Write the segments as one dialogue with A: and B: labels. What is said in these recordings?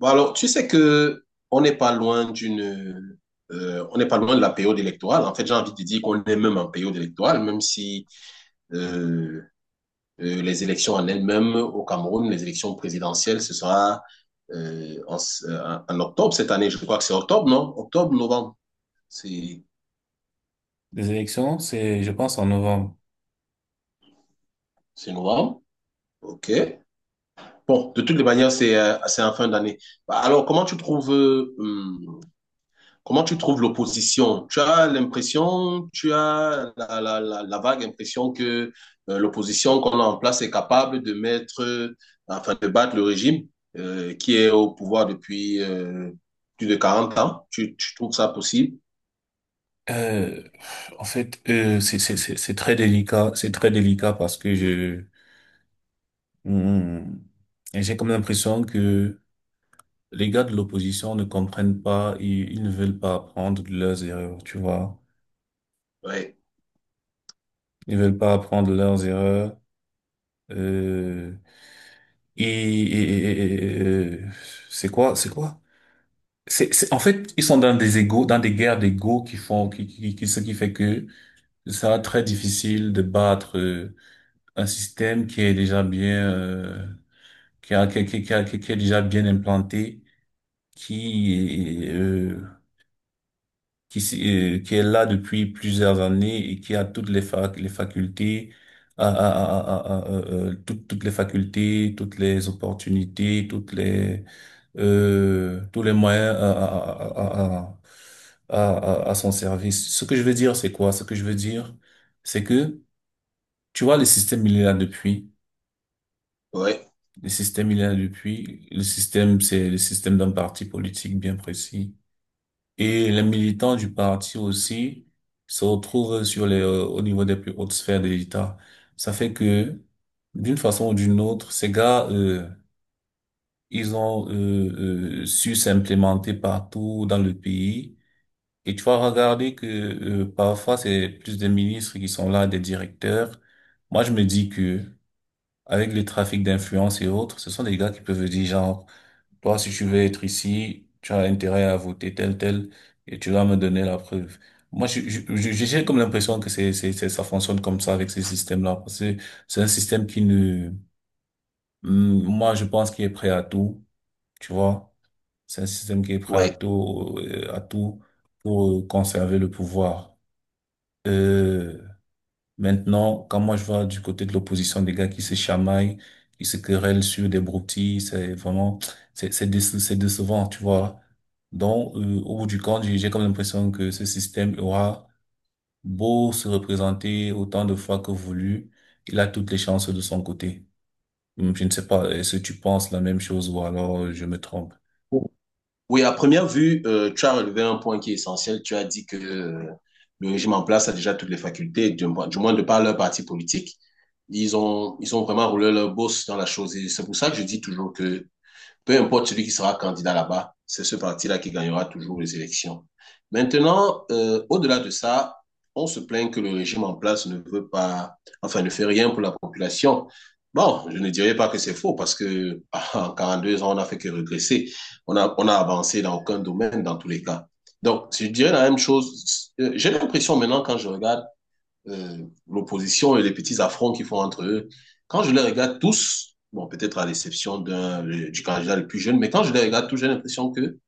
A: Bon, alors, tu sais que on n'est pas loin d'une, on n'est pas loin de la période électorale. En fait, j'ai envie de dire qu'on est même en période électorale, même si euh, les élections en elles-mêmes au Cameroun, les élections présidentielles, ce sera euh, en, en octobre cette année. Je crois que c'est octobre, non? Octobre, novembre. C'est,
B: Des élections, c'est, je pense, en novembre.
A: c'est novembre. OK. Bon, de toutes les manières, c'est en fin d'année. Bah, alors, Comment tu trouves l'opposition? Tu as l'impression, tu as la vague impression que l'opposition qu'on a en place est capable de enfin de battre le régime qui est au pouvoir depuis plus de quarante ans. Tu trouves ça possible?
B: Euh, c'est très délicat, c'est très délicat parce que hmm, j'ai comme l'impression que les gars de l'opposition ne comprennent pas, ils ne veulent pas apprendre de leurs erreurs, tu vois.
A: Oui,
B: Ils ne veulent pas apprendre de leurs erreurs. Euh, et, et- et- et- euh, c'est quoi? En fait, ils sont dans des égos, dans des guerres d'égos qui font, qui- ce qui fait que ça très difficile de battre un système qui est déjà bien, qui a, qui, a- qui, a- qui a- qui est déjà bien implanté, qui est, euh, qui est là depuis plusieurs années et qui a toutes les facultés, toutes les facultés, toutes les opportunités, tous les moyens à son service. Ce que je veux dire, c'est quoi? Ce que je veux dire, c'est que, tu vois, le système, il est là depuis.
A: oui,
B: Le système, il est là depuis. Le système, c'est le système d'un parti politique bien précis. Et les militants du parti aussi se retrouvent au niveau des plus hautes sphères de l'État. Ça fait que, d'une façon ou d'une autre, ils ont su s'implémenter partout dans le pays. Et tu vas regarder que parfois, c'est plus des ministres qui sont là, des directeurs. Moi, je me dis que, avec le trafic d'influence et autres, ce sont des gars qui peuvent dire genre, toi, si tu veux être ici, tu as intérêt à voter tel, tel, et tu vas me donner la preuve. Moi, j'ai comme l'impression que ça fonctionne comme ça avec ces systèmes-là, parce que c'est un système qui ne, Hmm, moi, je pense qu'il est prêt à tout, tu vois. C'est un système qui est prêt
A: oui.
B: à tout pour conserver le pouvoir. Euh, Maintenant, quand moi je vois du côté de l'opposition des gars qui se chamaillent, qui se querellent sur des broutilles, c'est vraiment, c'est décevant, tu vois. Donc, au bout du compte, j'ai comme l'impression que ce système aura beau se représenter autant de fois que voulu, il a toutes les chances de son côté. Je ne sais pas, est-ce que tu penses la même chose ou alors je me trompe?
A: Oui, à première vue, tu as relevé un point qui est essentiel. Tu as dit que le régime en place a déjà toutes les facultés, du moins de par leur parti politique. Ils ont vraiment roulé leur bosse dans la chose. Et c'est pour ça que je dis toujours que peu importe celui qui sera candidat là-bas, c'est ce parti-là qui gagnera toujours les élections. Maintenant, au-delà de ça, on se plaint que le régime en place ne veut pas, enfin, ne fait rien pour la population. Bon, je ne dirais pas que c'est faux parce que en 42 ans, on n'a fait que régresser. On a avancé dans aucun domaine dans tous les cas. Donc, je dirais la même chose. J'ai l'impression maintenant quand je regarde euh, l'opposition et les petits affronts qu'ils font entre eux. Quand je les regarde tous, bon, peut-être à l'exception d'un, du candidat le plus jeune, mais quand je les regarde tous, j'ai l'impression que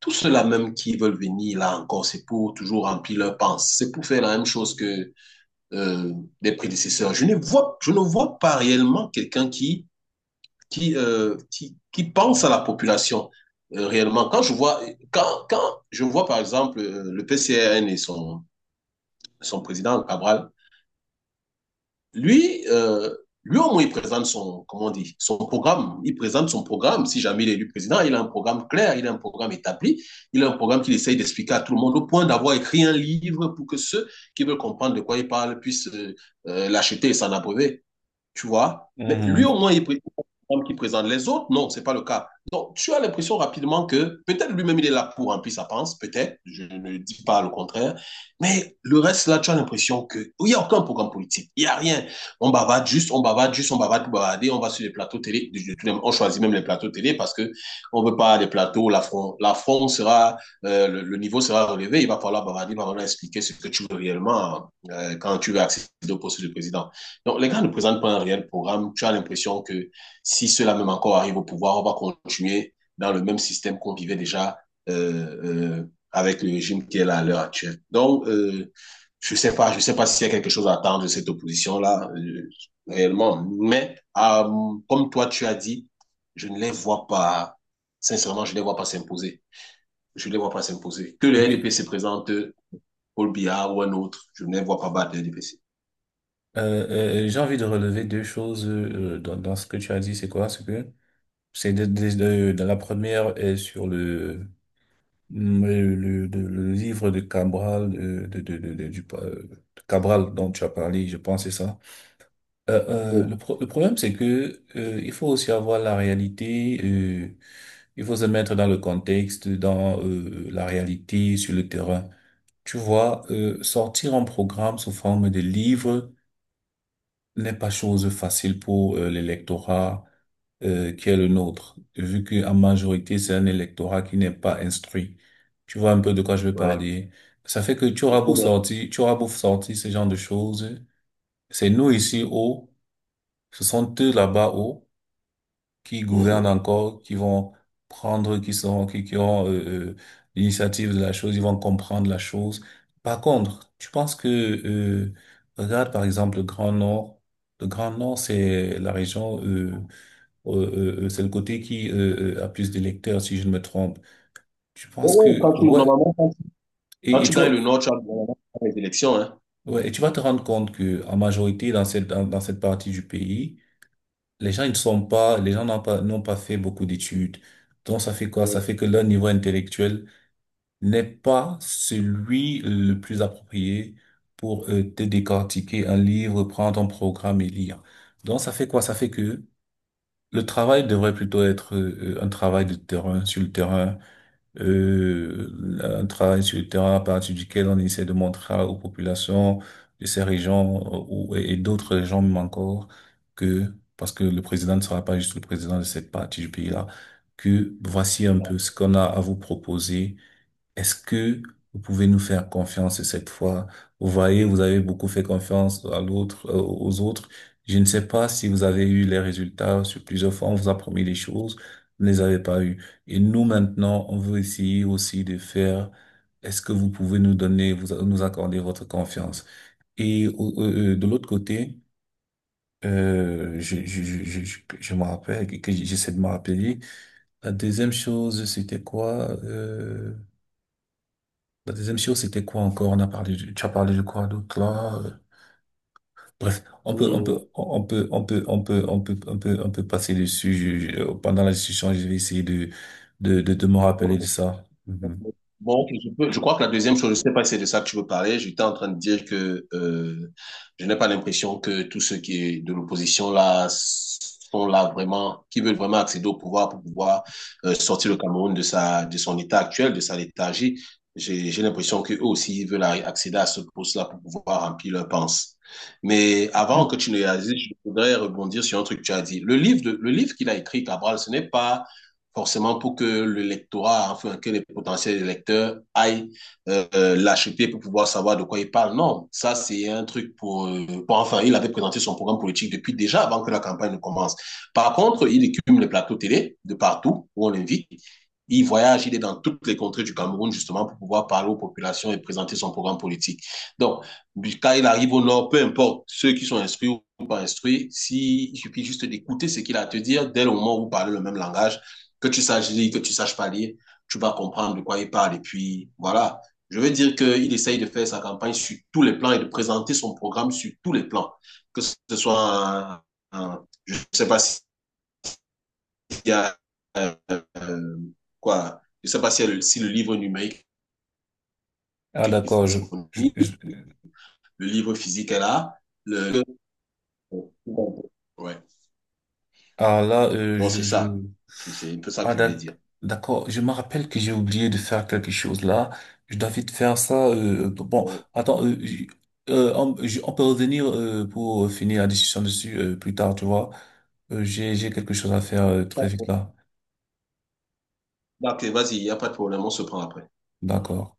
A: tous ceux-là même qui veulent venir là encore, c'est pour toujours remplir leurs pensées, c'est pour faire la même chose que euh, les prédécesseurs. Je ne vois pas réellement quelqu'un qui pense à la population. Réellement, quand je vois, quand, quand je vois par exemple le PCRN et son président Cabral. Lui, euh, lui au moins, il présente son, comment on dit, son programme. Il présente son programme. Si jamais il est élu président, il a un programme clair, il a un programme établi, il a un programme qu'il essaye d'expliquer à tout le monde, au point d'avoir écrit un livre pour que ceux qui veulent comprendre de quoi il parle puissent l'acheter et s'en abreuver. Tu vois? Mais lui, au
B: Mhm.
A: moins, qui présente les autres. Non, c'est pas le cas. Donc, tu as l'impression rapidement que peut-être lui-même, il est là pour remplir sa panse, peut-être, je ne dis pas le contraire. Mais le reste, là, tu as l'impression que il n'y a aucun programme politique. Il n'y a rien. On bavarde juste, on bavarde juste, on bavarde pour bavarder, on va sur les plateaux télé. On choisit même les plateaux télé parce que on veut pas les plateaux. L'affront sera, le niveau sera relevé. Il va falloir bavarder, il va falloir expliquer ce que tu veux réellement quand tu veux accéder au poste de président. Donc, les gars ne présentent pas un réel programme. Tu as l'impression que si cela même encore arrive au pouvoir, on va continuer dans le même système qu'on vivait déjà euh, euh, avec le régime qui est là à l'heure actuelle. Donc, je sais pas s'il y a quelque chose à attendre de cette opposition-là, réellement. Mais, comme toi, tu as dit, je ne les vois pas, sincèrement, je ne les vois pas s'imposer. Je ne les vois pas s'imposer. Que le
B: Oui,
A: RDP se présente Paul Billard ou un autre. Je ne les vois pas battre les DPC.
B: j'ai envie de relever deux choses dans ce que tu as dit. C'est quoi, ce que? C'est de la première est sur le, le livre de Cabral, de Cabral dont tu as parlé, je pense, c'est ça.
A: Oh,
B: Le problème, c'est que il faut aussi avoir la réalité, il faut se mettre dans le contexte, dans la réalité sur le terrain. Tu vois, sortir un programme sous forme de livre n'est pas chose facile pour l'électorat qui est le nôtre, vu qu'en majorité, c'est un électorat qui n'est pas instruit. Tu vois un peu de quoi je veux
A: ouais.
B: parler. Ça fait que tu auras
A: Parce que,
B: beau
A: bon.
B: sortir, tu auras beau sortir ce genre de choses. C'est nous ici haut, ce sont eux là-bas haut qui gouvernent
A: Mhm.
B: encore, qui vont prendre, qui ont l'initiative de la chose, ils vont comprendre la chose. Par contre, tu penses que, regarde par exemple le Grand Nord. Le Grand Nord, c'est la région, euh, c'est le côté qui a plus d'électeurs, si je ne me trompe. Tu penses
A: Oh, ouais,
B: que, ouais,
A: quand
B: et
A: tu
B: tu,
A: gagnes le Nord, tu as les élections. Hein.
B: ouais, et tu vas te rendre compte que en majorité dans dans cette partie du pays. Les gens n'ont pas fait beaucoup d'études. Donc, ça fait quoi? Ça
A: Oh,
B: fait que leur niveau intellectuel n'est pas celui le plus approprié pour te décortiquer un livre, prendre un programme et lire. Donc, ça fait quoi? Ça fait que le travail devrait plutôt être un travail de terrain, sur le terrain, un travail sur le terrain à partir duquel on essaie de montrer aux populations de ces régions et d'autres régions même encore que, parce que le président ne sera pas juste le président de cette partie du pays-là, que voici
A: c'est
B: un
A: ça.
B: peu ce qu'on a à vous proposer. Est-ce que vous pouvez nous faire confiance cette fois? Vous voyez, vous avez beaucoup fait confiance à l'autre, aux autres. Je ne sais pas si vous avez eu les résultats sur plusieurs fois. On vous a promis des choses, vous ne les avez pas eues. Et nous, maintenant, on veut essayer aussi de faire. Est-ce que vous pouvez nous donner, vous, nous accorder votre confiance? Et de l'autre côté, je me rappelle, que j'essaie de me rappeler. La deuxième chose, c'était quoi? La deuxième chose, c'était quoi encore? On a parlé du- tu as parlé de quoi d'autre là? Bref, on peut, on
A: Mhm.
B: peut, on peut, on peut, on peut, on peut, on peut, on peut passer dessus. Pendant la discussion, je vais essayer de me rappeler de ça. Mhm.
A: Bon, ok, je crois que la deuxième chose, je ne sais pas si c'est de ça que tu veux parler. J'étais en train de dire que je n'ai pas l'impression que tous ceux qui est de l'opposition là sont là vraiment, qui veulent vraiment accéder au pouvoir pour pouvoir sortir le Cameroun de sa, de son état actuel, de sa léthargie. J'ai l'impression qu'eux aussi ils veulent accéder à ce poste-là pour pouvoir remplir leur pense. Mais avant que tu ne réalises, je voudrais rebondir sur un truc que tu as dit. Le livre qu'il a écrit, Cabral, ce n'est pas forcément pour que le lectorat, enfin que les potentiels lecteurs aillent l'acheter pour pouvoir savoir de quoi il parle. Non, ça c'est un truc pour, enfin, il avait présenté son programme politique depuis déjà avant que la campagne ne commence. Par contre, il écume les plateaux télé de partout où on l'invite. Il voyage, il est dans toutes les contrées du Cameroun justement pour pouvoir parler aux populations et présenter son programme politique. Donc, quand il arrive au Nord, peu importe ceux qui sont instruits ou pas instruits, si, il suffit juste d'écouter ce qu'il a à te dire dès le moment où vous parlez le même langage, que tu saches lire, que tu saches pas lire, tu vas comprendre de quoi il parle. Et puis, voilà. Je veux dire qu'il essaye de faire sa campagne sur tous les plans et de présenter son programme sur tous les plans. Que ce soit, un, je ne sais pas s'il y a, euh, quoi, je sais pas si, si le livre numérique
B: Ah,
A: est
B: d'accord, je, je-
A: disponible, le livre physique est là. Le... Ouais.
B: ah là,
A: Donc, c'est ça. C'est un peu ça que
B: Ah
A: je voulais
B: d'ac-
A: dire.
B: d'accord, je me rappelle que j'ai oublié de faire quelque chose là. Je dois vite faire ça. Bon, attends, on peut revenir pour finir la discussion dessus plus tard, tu vois. J'ai quelque chose à faire très vite là.
A: Ok, vas-y, il n'y a pas de problème, on se prend après.
B: D'accord.